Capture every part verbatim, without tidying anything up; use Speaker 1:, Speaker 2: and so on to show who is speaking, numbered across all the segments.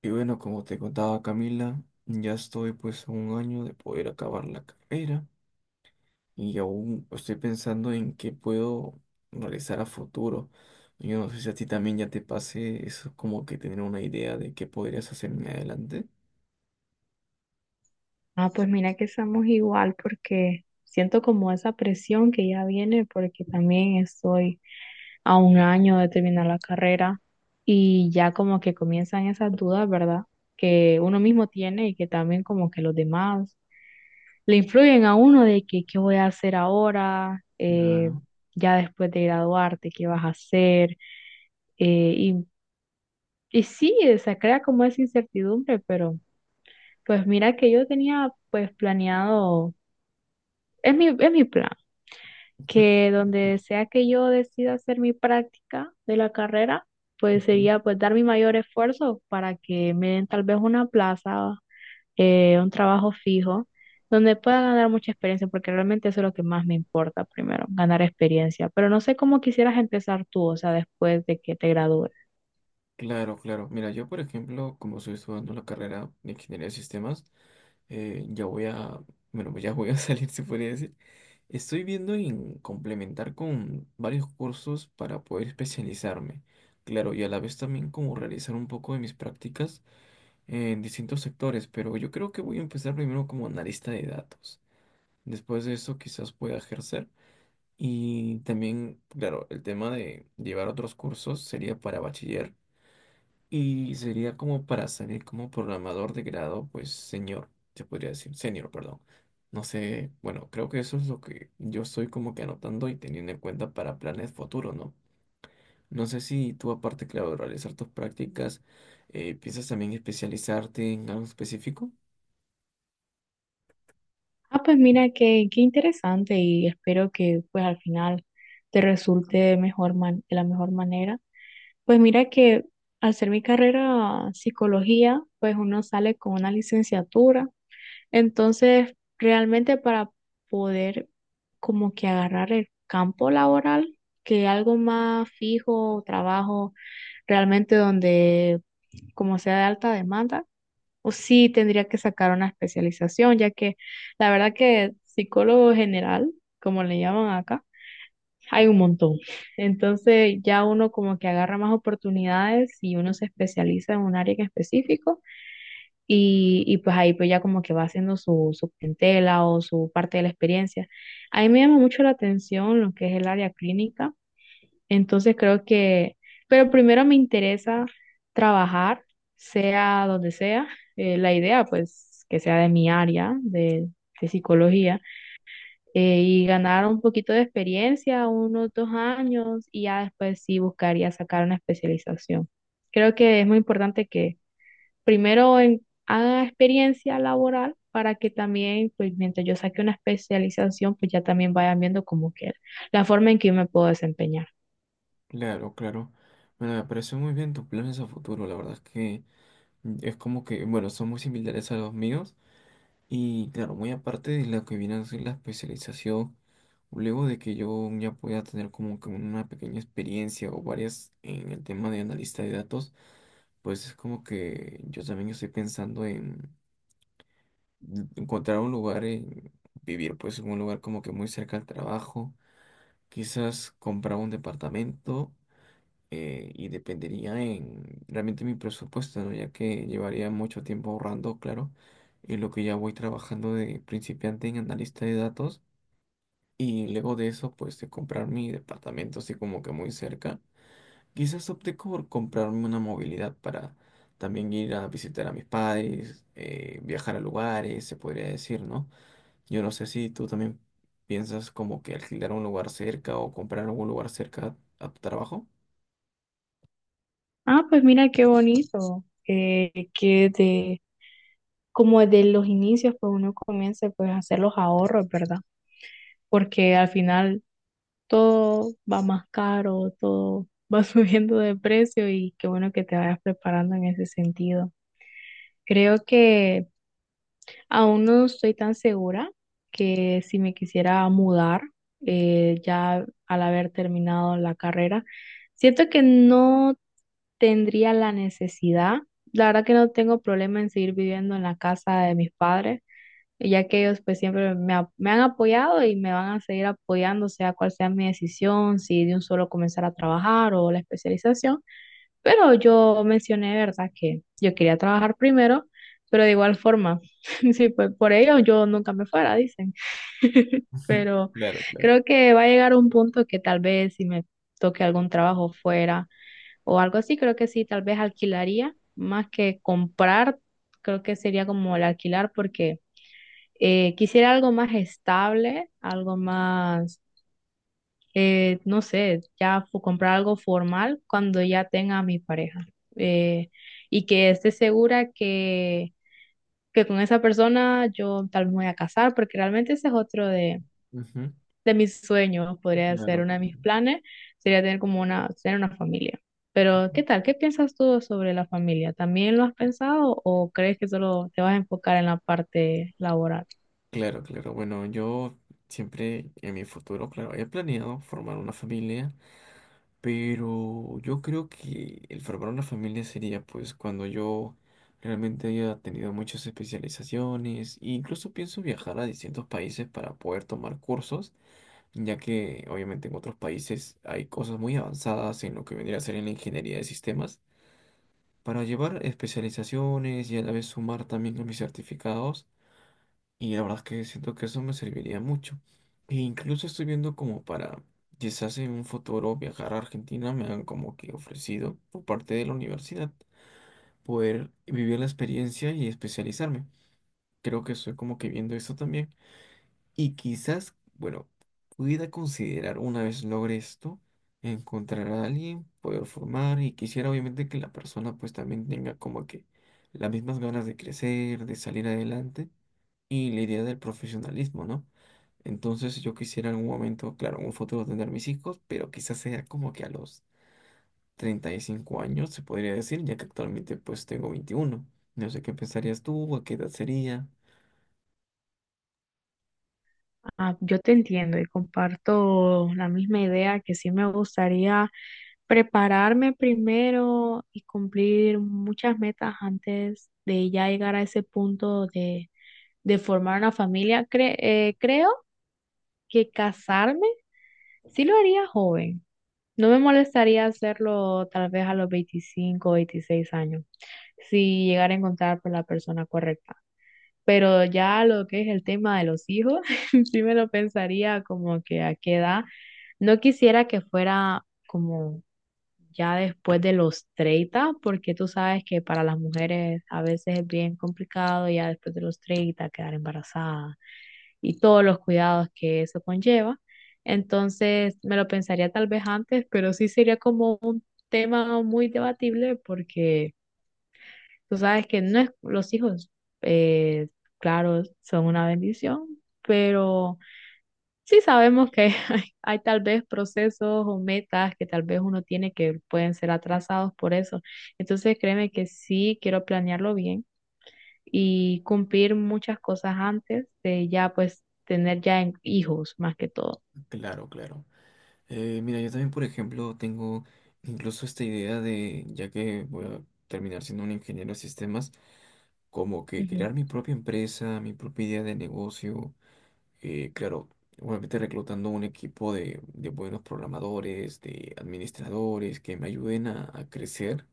Speaker 1: Y bueno, como te contaba Camila, ya estoy pues a un año de poder acabar la carrera y aún estoy pensando en qué puedo realizar a futuro. Yo no sé si a ti también ya te pase eso, como que tener una idea de qué podrías hacer en adelante.
Speaker 2: Ah, pues mira que estamos igual porque siento como esa presión que ya viene porque también estoy a un año de terminar la carrera y ya como que comienzan esas dudas, ¿verdad? Que uno mismo tiene y que también como que los demás le influyen a uno de que qué voy a hacer ahora. Eh,
Speaker 1: Claro.
Speaker 2: ya después de graduarte, qué vas a hacer. Eh, y, y sí, se crea como esa incertidumbre, pero pues mira que yo tenía pues planeado... Es mi, es mi plan.
Speaker 1: Ujú.
Speaker 2: Que donde
Speaker 1: Escucha.
Speaker 2: sea que yo decida hacer mi práctica de la carrera, pues
Speaker 1: Ujú.
Speaker 2: sería pues dar mi mayor esfuerzo para que me den tal vez una plaza, eh, un trabajo fijo, donde pueda ganar mucha experiencia, porque realmente eso es lo que más me importa primero, ganar experiencia. Pero no sé cómo quisieras empezar tú, o sea, después de que te gradúes.
Speaker 1: Claro, claro. Mira, yo por ejemplo, como estoy estudiando la carrera de Ingeniería de Sistemas, eh, ya voy a, bueno, pues ya voy a salir, se podría decir. Estoy viendo en complementar con varios cursos para poder especializarme. Claro, y a la vez también como realizar un poco de mis prácticas en distintos sectores, pero yo creo que voy a empezar primero como analista de datos. Después de eso quizás pueda ejercer. Y también, claro, el tema de llevar otros cursos sería para bachiller y sería como para salir como programador de grado, pues señor, se podría decir, senior, perdón. No sé, bueno, creo que eso es lo que yo estoy como que anotando y teniendo en cuenta para planes futuros, ¿no? No sé si tú, aparte, claro, de realizar tus prácticas, eh, piensas también especializarte en algo específico.
Speaker 2: Ah, pues mira, qué, qué interesante, y espero que pues al final te resulte mejor man- de la mejor manera. Pues mira que al ser mi carrera psicología, pues uno sale con una licenciatura. Entonces, realmente para poder como que agarrar el campo laboral, que algo más fijo, trabajo realmente donde como sea de alta demanda, o sí tendría que sacar una especialización, ya que la verdad que psicólogo general, como le llaman acá, hay un montón. Entonces ya uno como que agarra más oportunidades y uno se especializa en un área en específico y, y pues ahí pues ya como que va haciendo su, su clientela o su parte de la experiencia. A mí me llama mucho la atención lo que es el área clínica, entonces creo que, pero primero me interesa trabajar, sea donde sea, eh, la idea pues que sea de mi área de de psicología, eh, y ganar un poquito de experiencia, unos dos años, y ya después sí buscaría sacar una especialización. Creo que es muy importante que primero en- haga experiencia laboral para que también, pues mientras yo saque una especialización, pues ya también vayan viendo como que la forma en que yo me puedo desempeñar.
Speaker 1: Claro, claro. Bueno, me pareció muy bien tus planes a futuro, la verdad es que mm, es como que, bueno, son muy similares a los míos. Y claro, muy aparte de lo que viene a ser la especialización, luego de que yo ya pueda tener como que una pequeña experiencia o varias en el tema de analista de datos, pues es como que yo también estoy pensando en encontrar un lugar, en vivir pues en un lugar como que muy cerca al trabajo, quizás comprar un departamento eh, y dependería en realmente mi presupuesto, ¿no? Ya que llevaría mucho tiempo ahorrando, claro, y lo que ya voy trabajando de principiante en analista de datos y luego de eso, pues de comprar mi departamento así como que muy cerca, quizás opté por comprarme una movilidad para también ir a visitar a mis padres, eh, viajar a lugares, se podría decir, ¿no? Yo no sé si tú también piensas como que alquilar un lugar cerca o comprar algún lugar cerca a tu trabajo.
Speaker 2: Ah, pues mira qué bonito, eh, que de, como de los inicios, pues uno comience pues a hacer los ahorros, ¿verdad? Porque al final todo va más caro, todo va subiendo de precio, y qué bueno que te vayas preparando en ese sentido. Creo que aún no estoy tan segura que si me quisiera mudar, eh, ya al haber terminado la carrera, siento que no tendría la necesidad. La verdad que no tengo problema en seguir viviendo en la casa de mis padres, ya que ellos pues siempre me, ha- me han apoyado y me van a seguir apoyando, sea cual sea mi decisión, si de un solo comenzar a trabajar o la especialización. Pero yo mencioné, ¿verdad?, que yo quería trabajar primero, pero de igual forma, sí, pues por ello yo nunca me fuera, dicen. Pero
Speaker 1: Claro, claro.
Speaker 2: creo que va a llegar un punto que tal vez si me toque algún trabajo fuera o algo así, creo que sí, tal vez alquilaría más que comprar, creo que sería como el alquilar porque... Eh, quisiera algo más estable, algo más, eh, no sé, ya fu- comprar algo formal cuando ya tenga a mi pareja, eh, y que esté segura que, que con esa persona yo tal vez me voy a casar, porque realmente ese es otro de,
Speaker 1: Ujú.
Speaker 2: de mis sueños, podría ser
Speaker 1: Claro,
Speaker 2: uno de
Speaker 1: claro.
Speaker 2: mis planes, sería tener como una, tener una familia. Pero, ¿qué tal? ¿Qué piensas tú sobre la familia? ¿También lo has pensado o crees que solo te vas a enfocar en la parte laboral?
Speaker 1: Claro, claro. Bueno, yo siempre en mi futuro, claro, he planeado formar una familia, pero yo creo que el formar una familia sería pues cuando yo realmente haya tenido muchas especializaciones e incluso pienso viajar a distintos países para poder tomar cursos, ya que obviamente en otros países hay cosas muy avanzadas en lo que vendría a ser en la ingeniería de sistemas, para llevar especializaciones y a la vez sumar también a mis certificados. Y la verdad es que siento que eso me serviría mucho. E incluso estoy viendo como para, quizás en un futuro, viajar a Argentina, me han como que ofrecido por parte de la universidad poder vivir la experiencia y especializarme. Creo que estoy como que viendo esto también. Y quizás, bueno, pudiera considerar una vez logre esto, encontrar a alguien, poder formar y quisiera obviamente que la persona pues también tenga como que las mismas ganas de crecer, de salir adelante y la idea del profesionalismo, ¿no? Entonces yo quisiera en algún momento, claro, en un futuro tener mis hijos, pero quizás sea como que a los treinta y cinco años, se podría decir, ya que actualmente pues tengo veintiuno. No sé qué pensarías tú, a qué edad sería.
Speaker 2: Ah, yo te entiendo y comparto la misma idea que sí me gustaría prepararme primero y cumplir muchas metas antes de ya llegar a ese punto de, de formar una familia. Cre- eh, creo que casarme sí lo haría joven. No me molestaría hacerlo tal vez a los veinticinco o veintiséis años, si llegara a encontrar por la persona correcta. Pero ya lo que es el tema de los hijos, sí me lo pensaría como que a qué edad. No quisiera que fuera como ya después de los treinta, porque tú sabes que para las mujeres a veces es bien complicado ya después de los treinta quedar embarazada y todos los cuidados que eso conlleva. Entonces me lo pensaría tal vez antes, pero sí sería como un tema muy debatible porque tú sabes que no es, los hijos, eh, claro, son una bendición, pero sí sabemos que hay, hay tal vez procesos o metas que tal vez uno tiene que pueden ser atrasados por eso. Entonces créeme que sí quiero planearlo bien y cumplir muchas cosas antes de ya pues tener ya en- hijos más que todo.
Speaker 1: Claro, claro. Eh, mira, yo también, por ejemplo, tengo incluso esta idea de, ya que voy a terminar siendo un ingeniero de sistemas, como que
Speaker 2: Ujú.
Speaker 1: crear mi propia empresa, mi propia idea de negocio, eh, claro, obviamente reclutando un equipo de, de buenos programadores, de administradores que me ayuden a, a crecer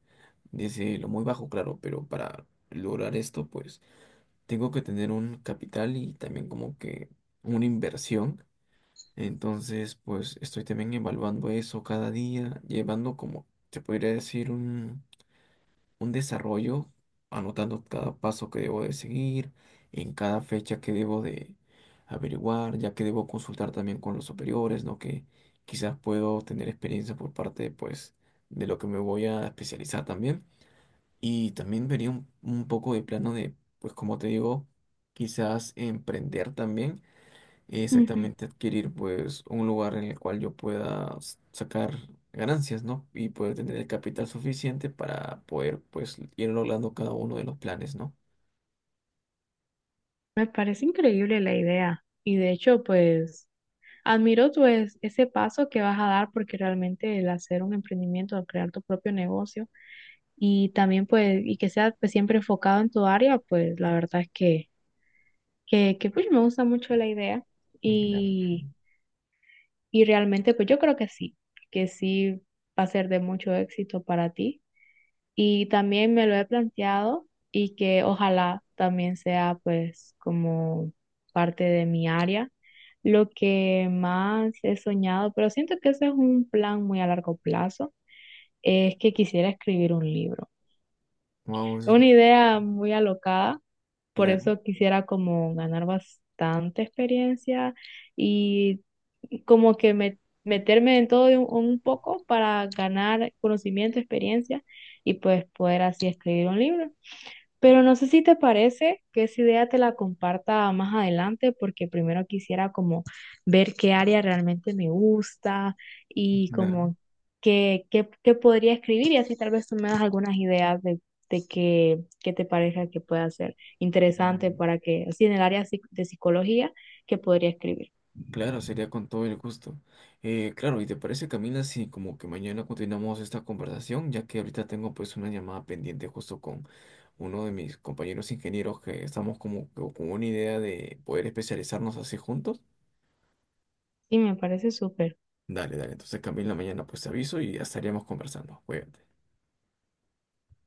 Speaker 1: desde lo muy bajo, claro, pero para lograr esto, pues tengo que tener un capital y también como que una inversión. Entonces, pues estoy también evaluando eso cada día, llevando como, se podría decir, un desarrollo, anotando cada paso que debo de seguir, en cada fecha que debo de averiguar, ya que debo consultar también con los superiores, ¿no? Que quizás puedo tener experiencia por parte, pues, de lo que me voy a especializar también. Y también vería un, un poco de plano de, pues, como te digo, quizás emprender también
Speaker 2: Ujú.
Speaker 1: exactamente adquirir pues un lugar en el cual yo pueda s- sacar ganancias, ¿no? Y poder tener el capital suficiente para poder pues ir logrando cada uno de los planes, ¿no?
Speaker 2: Me parece increíble la idea, y de hecho pues admiro pues ese paso que vas a dar porque realmente el hacer un emprendimiento, al crear tu propio negocio y también pues, y que sea pues siempre enfocado en tu área, pues la verdad es que, que, que pues me gusta mucho la idea
Speaker 1: Claro.
Speaker 2: y, y realmente pues yo creo que sí, que sí va a ser de mucho éxito para ti, y también me lo he planteado, y que ojalá también sea pues como parte de mi área. Lo que más he soñado, pero siento que ese es un plan muy a largo plazo, es que quisiera escribir un libro.
Speaker 1: Wow, eso
Speaker 2: Es
Speaker 1: es
Speaker 2: una idea muy alocada, por
Speaker 1: claro,
Speaker 2: eso quisiera como ganar bastante experiencia y como que me- meterme en todo de un, un poco para ganar conocimiento, experiencia, y pues poder así escribir un libro. Pero no sé si te parece que esa idea te la comparta más adelante, porque primero quisiera como ver qué área realmente me gusta, y
Speaker 1: claro,
Speaker 2: como qué, qué, qué podría escribir, y así tal vez tú me das algunas ideas de, de qué, qué te parezca que pueda ser interesante
Speaker 1: claro,
Speaker 2: para que, así en el área psic- de psicología, que podría escribir.
Speaker 1: claro, sería con todo el gusto. Eh, claro, ¿y te parece, Camila, si como que mañana continuamos esta conversación, ya que ahorita tengo pues una llamada pendiente justo con uno de mis compañeros ingenieros que estamos como que con una idea de poder especializarnos así juntos?
Speaker 2: Y me parece súper.
Speaker 1: Dale, dale. Entonces, Camila, mañana pues te aviso y ya estaríamos conversando. Cuídate.